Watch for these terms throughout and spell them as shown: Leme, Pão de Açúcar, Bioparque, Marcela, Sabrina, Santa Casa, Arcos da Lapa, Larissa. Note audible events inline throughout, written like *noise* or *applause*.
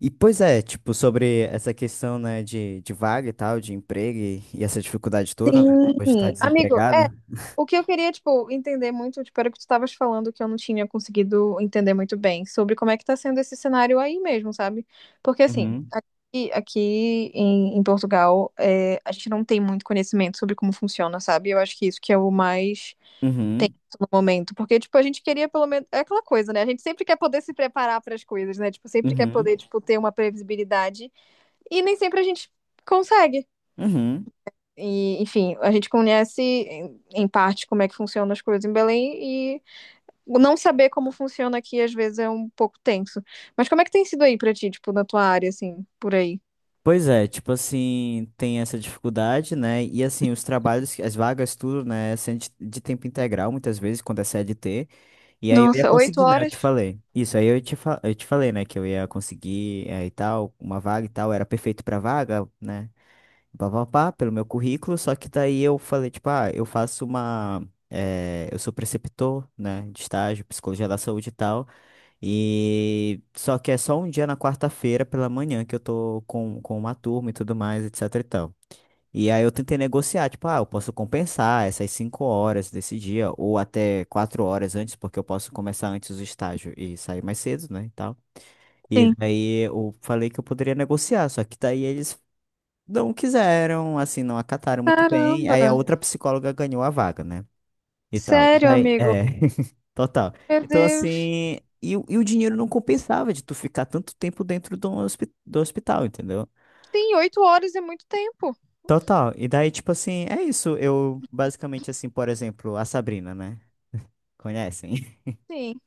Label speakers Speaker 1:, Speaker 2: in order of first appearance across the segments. Speaker 1: E pois é, tipo, sobre essa questão, né, de vaga e tal, de emprego e essa dificuldade toda, né,
Speaker 2: Sim,
Speaker 1: depois de estar
Speaker 2: amigo, é.
Speaker 1: desempregada.
Speaker 2: O que eu queria, tipo, entender muito, tipo, era o que tu estavas falando que eu não tinha conseguido entender muito bem sobre como é que tá sendo esse cenário aí mesmo, sabe? Porque, assim,
Speaker 1: Uhum,
Speaker 2: aqui em Portugal, é, a gente não tem muito conhecimento sobre como funciona, sabe? Eu acho que isso que é o mais tenso
Speaker 1: uhum,
Speaker 2: no momento. Porque, tipo, a gente queria pelo menos. É aquela coisa, né? A gente sempre quer poder se preparar para as coisas, né? Tipo, sempre quer poder,
Speaker 1: uhum,
Speaker 2: tipo, ter uma previsibilidade. E nem sempre a gente consegue.
Speaker 1: uhum.
Speaker 2: E, enfim, a gente conhece em parte como é que funcionam as coisas em Belém e não saber como funciona aqui às vezes é um pouco tenso. Mas como é que tem sido aí pra ti, tipo, na tua área, assim, por aí?
Speaker 1: Pois é, tipo assim, tem essa dificuldade, né, e assim, os trabalhos, as vagas, tudo, né, sendo de tempo integral, muitas vezes, quando é CLT, e aí eu ia
Speaker 2: Nossa, oito
Speaker 1: conseguir, né, eu
Speaker 2: horas?
Speaker 1: te falei. Isso, aí eu te, fa eu te falei, né, que eu ia conseguir, é, e tal, uma vaga e tal, era perfeito pra vaga, né, pá, pá, pá, pelo meu currículo, só que daí eu falei, tipo, ah, eu faço uma. Eu sou preceptor, né, de estágio, psicologia da saúde e tal, e só que é só um dia na quarta-feira pela manhã que eu tô com uma turma e tudo mais, etc e tal. E aí eu tentei negociar, tipo, ah, eu posso compensar essas cinco horas desse dia, ou até quatro horas antes, porque eu posso começar antes o estágio e sair mais cedo, né, e tal. E
Speaker 2: Sim.
Speaker 1: daí eu falei que eu poderia negociar, só que daí eles não quiseram, assim, não acataram muito bem.
Speaker 2: Caramba!
Speaker 1: Aí a outra psicóloga ganhou a vaga, né? E tal. E
Speaker 2: Sério,
Speaker 1: daí,
Speaker 2: amigo?
Speaker 1: é, *laughs* total.
Speaker 2: Meu
Speaker 1: Então,
Speaker 2: Deus.
Speaker 1: assim, e, e o dinheiro não compensava de tu ficar tanto tempo dentro do, do hospital, entendeu?
Speaker 2: Sim, 8 horas é muito tempo.
Speaker 1: Total. E daí, tipo assim, é isso. Eu, basicamente, assim, por exemplo, a Sabrina, né? Conhecem? *laughs*
Speaker 2: Sim.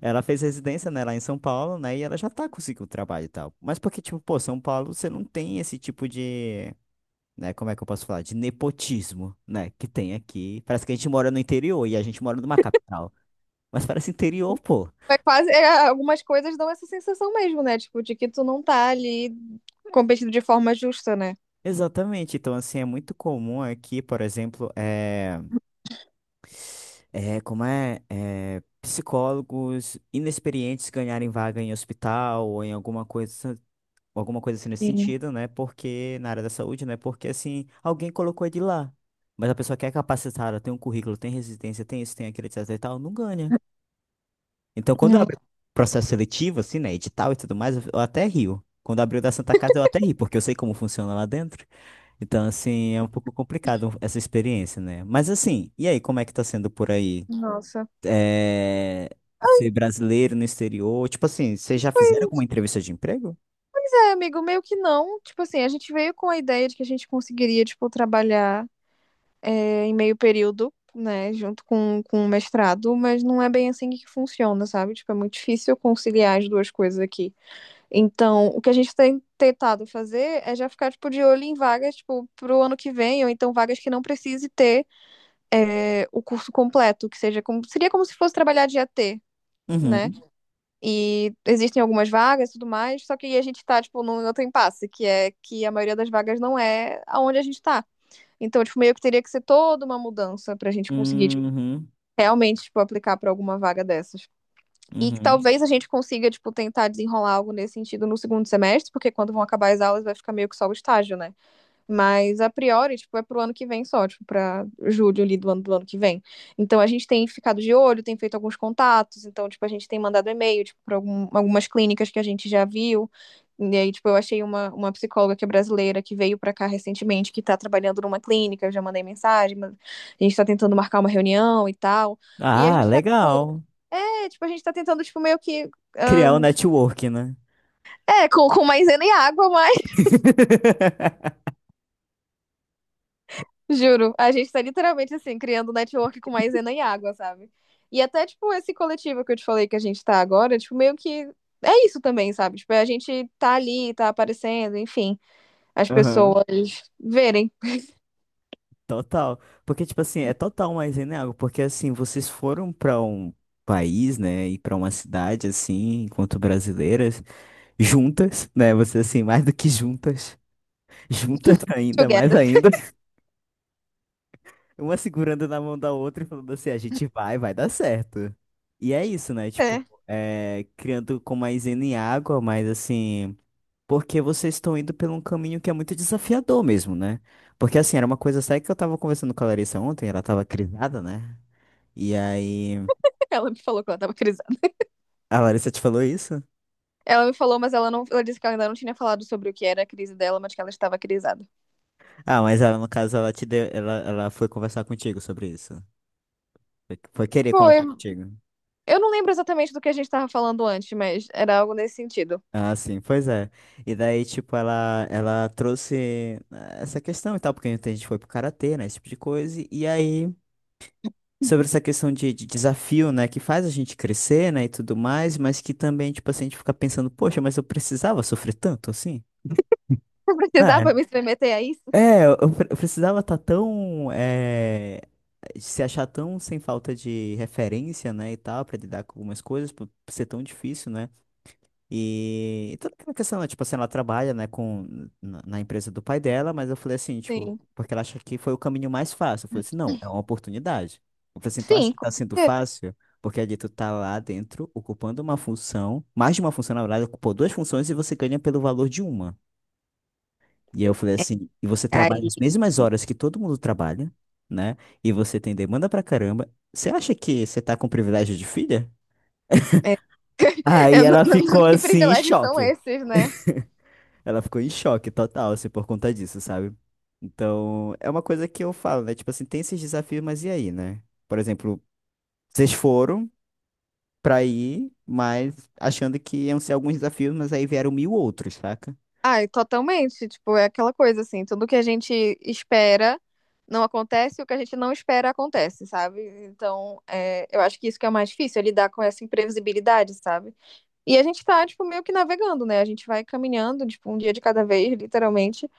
Speaker 1: Ela fez residência, né, lá em São Paulo, né? E ela já tá conseguindo trabalho e tal. Mas porque, tipo, pô, São Paulo, você não tem esse tipo de. Né? Como é que eu posso falar? De nepotismo, né? Que tem aqui. Parece que a gente mora no interior e a gente mora numa capital. Mas parece interior, pô.
Speaker 2: É quase, é, algumas coisas dão essa sensação mesmo, né? Tipo, de que tu não tá ali competindo de forma justa, né?
Speaker 1: Exatamente. Então, assim, é muito comum aqui, por exemplo, é psicólogos inexperientes ganharem vaga em hospital ou em alguma coisa assim nesse
Speaker 2: Sim.
Speaker 1: sentido, né? Porque na área da saúde, né? Porque assim, alguém colocou ele lá. Mas a pessoa que é capacitada, tem um currículo, tem resistência, tem isso, tem aquilo, etc e tal, não ganha. Então, quando
Speaker 2: É.
Speaker 1: abre processo seletivo, assim, né, edital e tudo mais, eu até rio. Quando abriu da Santa Casa, eu até ri, porque eu sei como funciona lá dentro. Então, assim, é um pouco complicado essa experiência, né? Mas, assim, e aí, como é que tá sendo por aí?
Speaker 2: Nossa.
Speaker 1: É, ser brasileiro no exterior? Tipo assim, vocês já fizeram alguma entrevista de emprego?
Speaker 2: É, amigo, meio que não. Tipo assim, a gente veio com a ideia de que a gente conseguiria, tipo, trabalhar em meio período, né, junto com o mestrado, mas não é bem assim que funciona, sabe? Tipo, é muito difícil conciliar as duas coisas aqui. Então, o que a gente tem tentado fazer é já ficar, tipo, de olho em vagas, tipo, pro ano que vem, ou então vagas que não precise ter o curso completo, que seja como, seria como se fosse trabalhar de AT, né?
Speaker 1: Uhum.
Speaker 2: E existem algumas vagas e tudo mais, só que a gente tá, tipo, num outro impasse, que é que a maioria das vagas não é aonde a gente tá. Então, tipo, meio que teria que ser toda uma mudança pra gente conseguir, tipo,
Speaker 1: Uhum.
Speaker 2: realmente, tipo, aplicar pra alguma vaga dessas. E que
Speaker 1: Uhum.
Speaker 2: talvez a gente consiga, tipo, tentar desenrolar algo nesse sentido no segundo semestre, porque quando vão acabar as aulas vai ficar meio que só o estágio, né? Mas a priori, tipo, é pro ano que vem só, tipo, pra julho ali do ano do ano que vem. Então a gente tem ficado de olho, tem feito alguns contatos, então, tipo, a gente tem mandado e-mail, tipo, pra algumas clínicas que a gente já viu. E aí, tipo, eu achei uma psicóloga que é brasileira, que veio pra cá recentemente, que tá trabalhando numa clínica, eu já mandei mensagem, mas a gente tá tentando marcar uma reunião e tal. E a
Speaker 1: Ah,
Speaker 2: gente tá, tipo,
Speaker 1: legal.
Speaker 2: é, tipo, a gente tá tentando, tipo, meio que.
Speaker 1: Criar o
Speaker 2: ahn,
Speaker 1: network, né?
Speaker 2: é, com maisena e água, mas.
Speaker 1: *laughs*
Speaker 2: Juro, a gente tá literalmente assim, criando um network com maisena e água, sabe? E até, tipo, esse coletivo que eu te falei que a gente tá agora, tipo, meio que é isso também, sabe? Tipo, é a gente tá ali, tá aparecendo, enfim, as
Speaker 1: Aham.
Speaker 2: pessoas verem.
Speaker 1: Total. Porque, tipo assim, é total mais algo porque assim, vocês foram pra um país, né, e pra uma cidade, assim, enquanto brasileiras, juntas, né, vocês, assim, mais do que juntas, *laughs* juntas ainda, mais
Speaker 2: Together.
Speaker 1: ainda,
Speaker 2: *laughs*
Speaker 1: *laughs* uma segurando na mão da outra e falando assim, a gente vai, vai dar certo. E é isso, né, tipo,
Speaker 2: É.
Speaker 1: é, criando com mais em água, mas assim, porque vocês estão indo por um caminho que é muito desafiador mesmo, né? Porque assim, era uma coisa séria que eu tava conversando com a Larissa ontem, ela tava crisada, né? E aí.
Speaker 2: Ela me falou que ela tava crisada.
Speaker 1: A Larissa te falou isso?
Speaker 2: Ela me falou, mas ela não. Ela disse que ela ainda não tinha falado sobre o que era a crise dela, mas que ela estava crisada.
Speaker 1: Ah, mas ela, no caso, ela te deu. Ela foi conversar contigo sobre isso. Foi, foi querer
Speaker 2: Foi.
Speaker 1: conversar contigo.
Speaker 2: Eu não lembro exatamente do que a gente tava falando antes, mas era algo nesse sentido.
Speaker 1: Ah, sim, pois é. E daí, tipo, ela trouxe essa questão e tal, porque a gente foi pro karatê, né? Esse tipo de coisa. E aí, sobre essa questão de desafio, né? Que faz a gente crescer, né? E tudo mais, mas que também, tipo assim, a gente fica pensando, poxa, mas eu precisava sofrer tanto assim?
Speaker 2: *laughs* Eu
Speaker 1: Né?
Speaker 2: precisava me submeter a isso?
Speaker 1: Eu precisava estar tão se achar tão sem falta de referência, né, e tal, pra lidar com algumas coisas, por ser tão difícil, né? E toda aquela questão, né, tipo assim, ela trabalha, né, na empresa do pai dela, mas eu falei assim, tipo,
Speaker 2: Sim.
Speaker 1: porque ela acha que foi o caminho mais fácil. Eu falei assim, não, é uma oportunidade. Eu falei assim, tu acha
Speaker 2: Sim,
Speaker 1: que
Speaker 2: com
Speaker 1: tá sendo
Speaker 2: certeza.
Speaker 1: fácil? Porque ali tu tá lá dentro, ocupando uma função, mais de uma função, na verdade, ocupou duas funções e você ganha pelo valor de uma. E aí eu falei assim, e você trabalha
Speaker 2: Ai,
Speaker 1: as mesmas horas que todo mundo trabalha, né? E você tem demanda pra caramba. Você acha que você tá com privilégio de filha? Aí
Speaker 2: eu
Speaker 1: ela ficou
Speaker 2: que
Speaker 1: assim, em
Speaker 2: privilégios são
Speaker 1: choque.
Speaker 2: esses, né?
Speaker 1: Ela ficou em choque total, assim, por conta disso, sabe? Então, é uma coisa que eu falo, né? Tipo assim, tem esses desafios, mas e aí, né? Por exemplo, vocês foram pra ir, mas achando que iam ser alguns desafios, mas aí vieram mil outros, saca?
Speaker 2: Ai, totalmente. Tipo, é aquela coisa assim, tudo que a gente espera não acontece, e o que a gente não espera acontece, sabe? Então, é, eu acho que isso que é o mais difícil, é lidar com essa imprevisibilidade, sabe? E a gente tá, tipo, meio que navegando, né? A gente vai caminhando, tipo, um dia de cada vez, literalmente,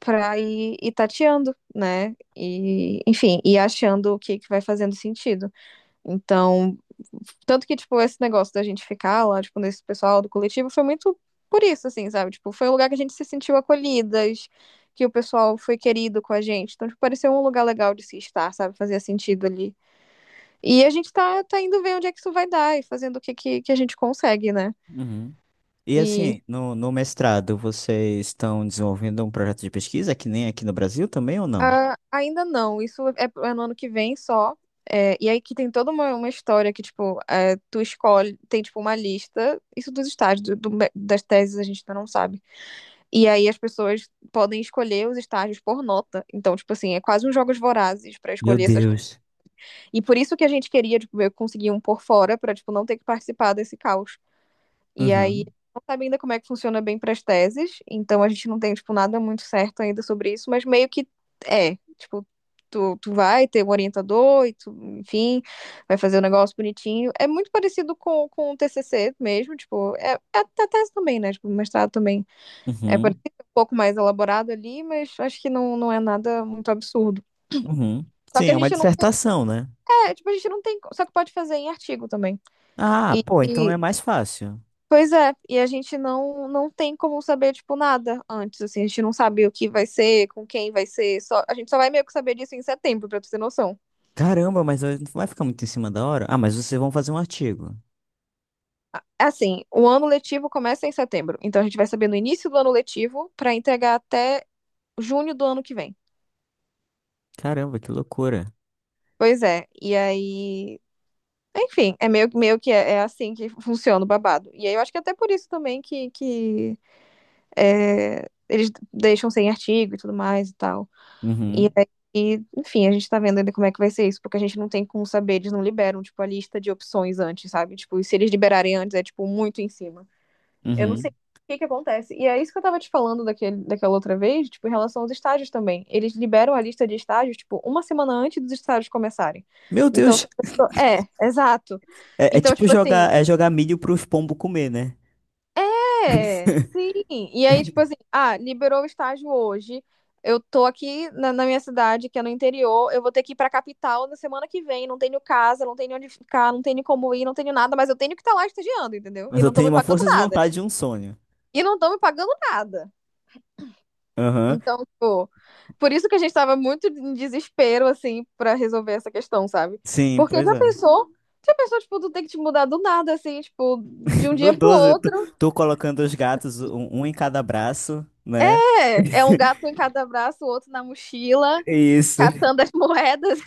Speaker 2: pra ir, ir tateando, né? E, enfim, e achando o que que vai fazendo sentido. Então, tanto que, tipo, esse negócio da gente ficar lá, tipo, nesse pessoal do coletivo foi muito por isso, assim, sabe? Tipo, foi um lugar que a gente se sentiu acolhidas, que o pessoal foi querido com a gente. Então, tipo, pareceu um lugar legal de se estar, sabe? Fazia sentido ali. E a gente tá, tá indo ver onde é que isso vai dar e fazendo o que, que a gente consegue, né?
Speaker 1: Uhum. E
Speaker 2: E
Speaker 1: assim, no mestrado, vocês estão desenvolvendo um projeto de pesquisa que nem aqui no Brasil também ou não?
Speaker 2: ah, ainda não, isso é, é no ano que vem só. É, e aí que tem toda uma história que, tipo, é, tu escolhe, tem, tipo, uma lista, isso dos estágios, das teses a gente ainda não sabe. E aí as pessoas podem escolher os estágios por nota. Então, tipo assim, é quase uns jogos vorazes para
Speaker 1: Meu
Speaker 2: escolher essas coisas.
Speaker 1: Deus.
Speaker 2: E por isso que a gente queria, tipo, eu conseguir um por fora para tipo não ter que participar desse caos. E aí
Speaker 1: Uhum,
Speaker 2: não sabe ainda como é que funciona bem para as teses, então a gente não tem tipo nada muito certo ainda sobre isso, mas meio que é, tipo, tu vai ter um orientador e tu, enfim, vai fazer o um negócio bonitinho. É muito parecido com o TCC mesmo, tipo, é, é a tese também, né? Tipo, o mestrado também é por
Speaker 1: uhum,
Speaker 2: isso que é um pouco mais elaborado ali, mas acho que não, não é nada muito absurdo.
Speaker 1: uhum.
Speaker 2: Só
Speaker 1: Sim,
Speaker 2: que a
Speaker 1: é uma
Speaker 2: gente não
Speaker 1: dissertação, né?
Speaker 2: é, tipo, a gente não tem, só que pode fazer em artigo também.
Speaker 1: Ah, pô, então é
Speaker 2: E
Speaker 1: mais fácil.
Speaker 2: pois é, e a gente não tem como saber tipo nada antes, assim, a gente não sabe o que vai ser, com quem vai ser, só a gente só vai meio que saber disso em setembro, pra tu ter noção.
Speaker 1: Caramba, mas não vai ficar muito em cima da hora? Ah, mas vocês vão fazer um artigo.
Speaker 2: Assim, o ano letivo começa em setembro, então a gente vai saber no início do ano letivo pra entregar até junho do ano que vem.
Speaker 1: Caramba, que loucura.
Speaker 2: Pois é, e aí enfim, é meio, meio que é, é assim que funciona o babado. E aí eu acho que é até por isso também que é, eles deixam sem artigo e tudo mais e tal.
Speaker 1: Uhum,
Speaker 2: E aí, enfim, a gente tá vendo ainda como é que vai ser isso, porque a gente não tem como saber, eles não liberam, tipo, a lista de opções antes, sabe? Tipo, e se eles liberarem antes, é, tipo, muito em cima. Eu não sei
Speaker 1: uhum.
Speaker 2: o que que acontece. E é isso que eu tava te falando daquele, daquela outra vez, tipo, em relação aos estágios também. Eles liberam a lista de estágios, tipo, uma semana antes dos estágios começarem.
Speaker 1: Meu
Speaker 2: Então,
Speaker 1: Deus,
Speaker 2: tipo, é, exato.
Speaker 1: é, é
Speaker 2: Então,
Speaker 1: tipo
Speaker 2: tipo assim,
Speaker 1: jogar, é jogar milho pros pombos comer, né?
Speaker 2: é,
Speaker 1: *laughs*
Speaker 2: sim. E aí, tipo assim, ah, liberou o estágio hoje. Eu tô aqui na, na minha cidade, que é no interior. Eu vou ter que ir pra capital na semana que vem. Não tenho casa, não tenho onde ficar, não tenho como ir, não tenho nada, mas eu tenho que estar lá estagiando, entendeu?
Speaker 1: Mas
Speaker 2: E
Speaker 1: eu
Speaker 2: não tô
Speaker 1: tenho
Speaker 2: me
Speaker 1: uma
Speaker 2: pagando
Speaker 1: força de
Speaker 2: nada.
Speaker 1: vontade e um sonho.
Speaker 2: E não tô me pagando nada.
Speaker 1: Aham,
Speaker 2: Então, tipo, por isso que a gente tava muito em desespero, assim, pra resolver essa questão, sabe?
Speaker 1: sim,
Speaker 2: Porque
Speaker 1: pois é.
Speaker 2: já pensou, tipo, tu tem que te mudar do nada, assim, tipo, de
Speaker 1: *laughs*
Speaker 2: um
Speaker 1: No
Speaker 2: dia pro
Speaker 1: 12 tu,
Speaker 2: outro.
Speaker 1: tu colocando os gatos, um em cada braço, né?
Speaker 2: É, é um
Speaker 1: *laughs*
Speaker 2: gato em cada braço, o outro na mochila,
Speaker 1: É isso.
Speaker 2: catando as *laughs* moedas.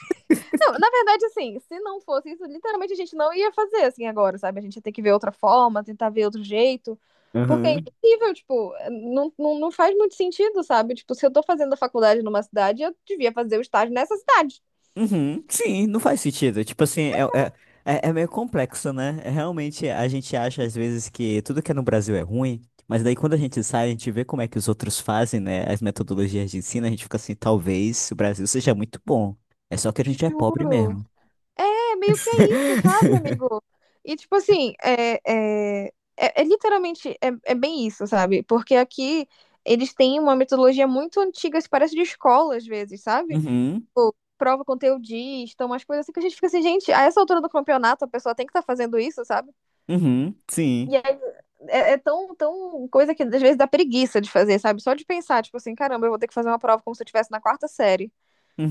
Speaker 2: Não, na verdade, assim, se não fosse isso, literalmente a gente não ia fazer assim agora, sabe? A gente ia ter que ver outra forma, tentar ver outro jeito. Porque é
Speaker 1: Uhum.
Speaker 2: impossível, tipo, não, não, não faz muito sentido, sabe? Tipo, se eu tô fazendo a faculdade numa cidade, eu devia fazer o estágio nessa cidade.
Speaker 1: Uhum. Sim, não faz sentido. Tipo assim, é é meio complexo, né? É, realmente a gente acha às vezes que tudo que é no Brasil é ruim, mas daí quando a gente sai, a gente vê como é que os outros fazem, né? As metodologias de ensino, a gente fica assim, talvez o Brasil seja muito bom. É só que a gente é pobre
Speaker 2: Juro.
Speaker 1: mesmo.
Speaker 2: É meio que é isso, sabe,
Speaker 1: *laughs*
Speaker 2: amigo? E, tipo, assim, é, é, é, é literalmente, é, é bem isso, sabe? Porque aqui eles têm uma metodologia muito antiga, se parece de escola às vezes, sabe?
Speaker 1: Uhum.
Speaker 2: Tipo, prova conteudista, umas coisas assim que a gente fica assim, gente, a essa altura do campeonato a pessoa tem que estar fazendo isso, sabe?
Speaker 1: Uhum. Sim.
Speaker 2: E aí é, é tão, tão coisa que às vezes dá preguiça de fazer, sabe? Só de pensar, tipo assim, caramba, eu vou ter que fazer uma prova como se eu estivesse na quarta série.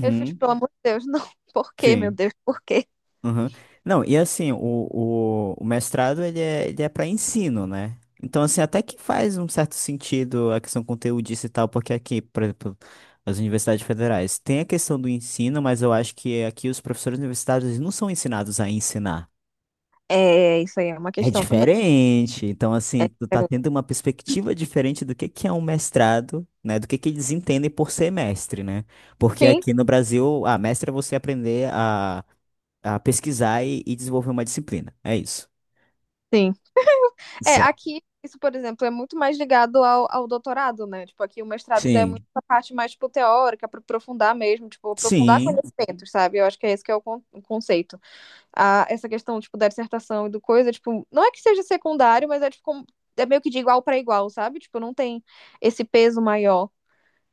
Speaker 2: Eu fico, tipo, pelo amor de Deus, não. *laughs* Por quê, meu
Speaker 1: Sim.
Speaker 2: Deus, por quê?
Speaker 1: Uhum. Não, e assim, o mestrado ele é para ensino, né? Então, assim, até que faz um certo sentido a questão conteudista e tal, porque aqui, por exemplo, as universidades federais tem a questão do ensino, mas eu acho que aqui os professores universitários eles não são ensinados a ensinar.
Speaker 2: É, isso aí é uma
Speaker 1: É
Speaker 2: questão também.
Speaker 1: diferente. Então,
Speaker 2: É
Speaker 1: assim, tu tá tendo
Speaker 2: diferente.
Speaker 1: uma perspectiva diferente do que é um mestrado, né? Do que eles entendem por ser mestre, né? Porque
Speaker 2: Sim,
Speaker 1: aqui no Brasil, ah, mestre é você aprender a pesquisar e desenvolver uma disciplina. É isso.
Speaker 2: sim. É,
Speaker 1: Sabe?
Speaker 2: aqui, isso, por exemplo, é muito mais ligado ao, ao doutorado, né? Tipo, aqui o mestrado ainda é muito
Speaker 1: Sim.
Speaker 2: a parte mais, tipo, teórica, para aprofundar mesmo, tipo, aprofundar
Speaker 1: Sim.
Speaker 2: conhecimentos, sabe? Eu acho que é esse que é o, o conceito. Ah, essa questão, tipo, da dissertação e do coisa, tipo, não é que seja secundário, mas é, tipo, como- é meio que de igual para igual, sabe? Tipo, não tem esse peso maior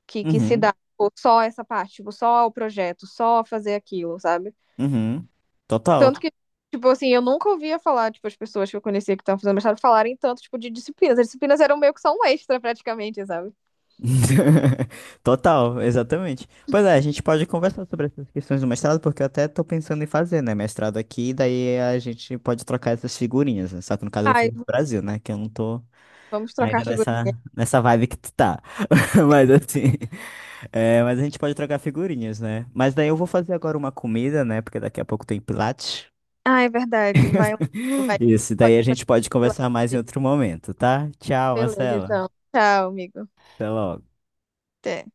Speaker 2: que se
Speaker 1: Uhum.
Speaker 2: dá, tipo, só essa parte, tipo, só o projeto, só fazer aquilo, sabe?
Speaker 1: Uhum. Total.
Speaker 2: Tanto que, tipo assim, eu nunca ouvia falar, tipo, as pessoas que eu conhecia que estavam fazendo mestrado falarem tanto, tipo, de disciplinas. As disciplinas eram meio que só um extra, praticamente, sabe?
Speaker 1: *laughs* Total, exatamente. Pois é, a gente pode conversar sobre essas questões do mestrado, porque eu até tô pensando em fazer, né? Mestrado aqui, e daí a gente pode trocar essas figurinhas, né? Só que no caso eu vou
Speaker 2: Ai,
Speaker 1: fazer no Brasil, né? Que eu não tô
Speaker 2: vamos
Speaker 1: ainda
Speaker 2: trocar figurinha.
Speaker 1: nessa vibe que tu tá. *laughs* Mas assim. É, mas a gente pode trocar figurinhas, né? Mas daí eu vou fazer agora uma comida, né? Porque daqui a pouco tem Pilates.
Speaker 2: Ah, é verdade. Vai, vai.
Speaker 1: Isso,
Speaker 2: Pode
Speaker 1: daí a gente
Speaker 2: fazer.
Speaker 1: pode conversar mais em outro momento, tá? Tchau,
Speaker 2: Beleza,
Speaker 1: Marcela.
Speaker 2: então. Tchau, amigo.
Speaker 1: Até logo.
Speaker 2: Até.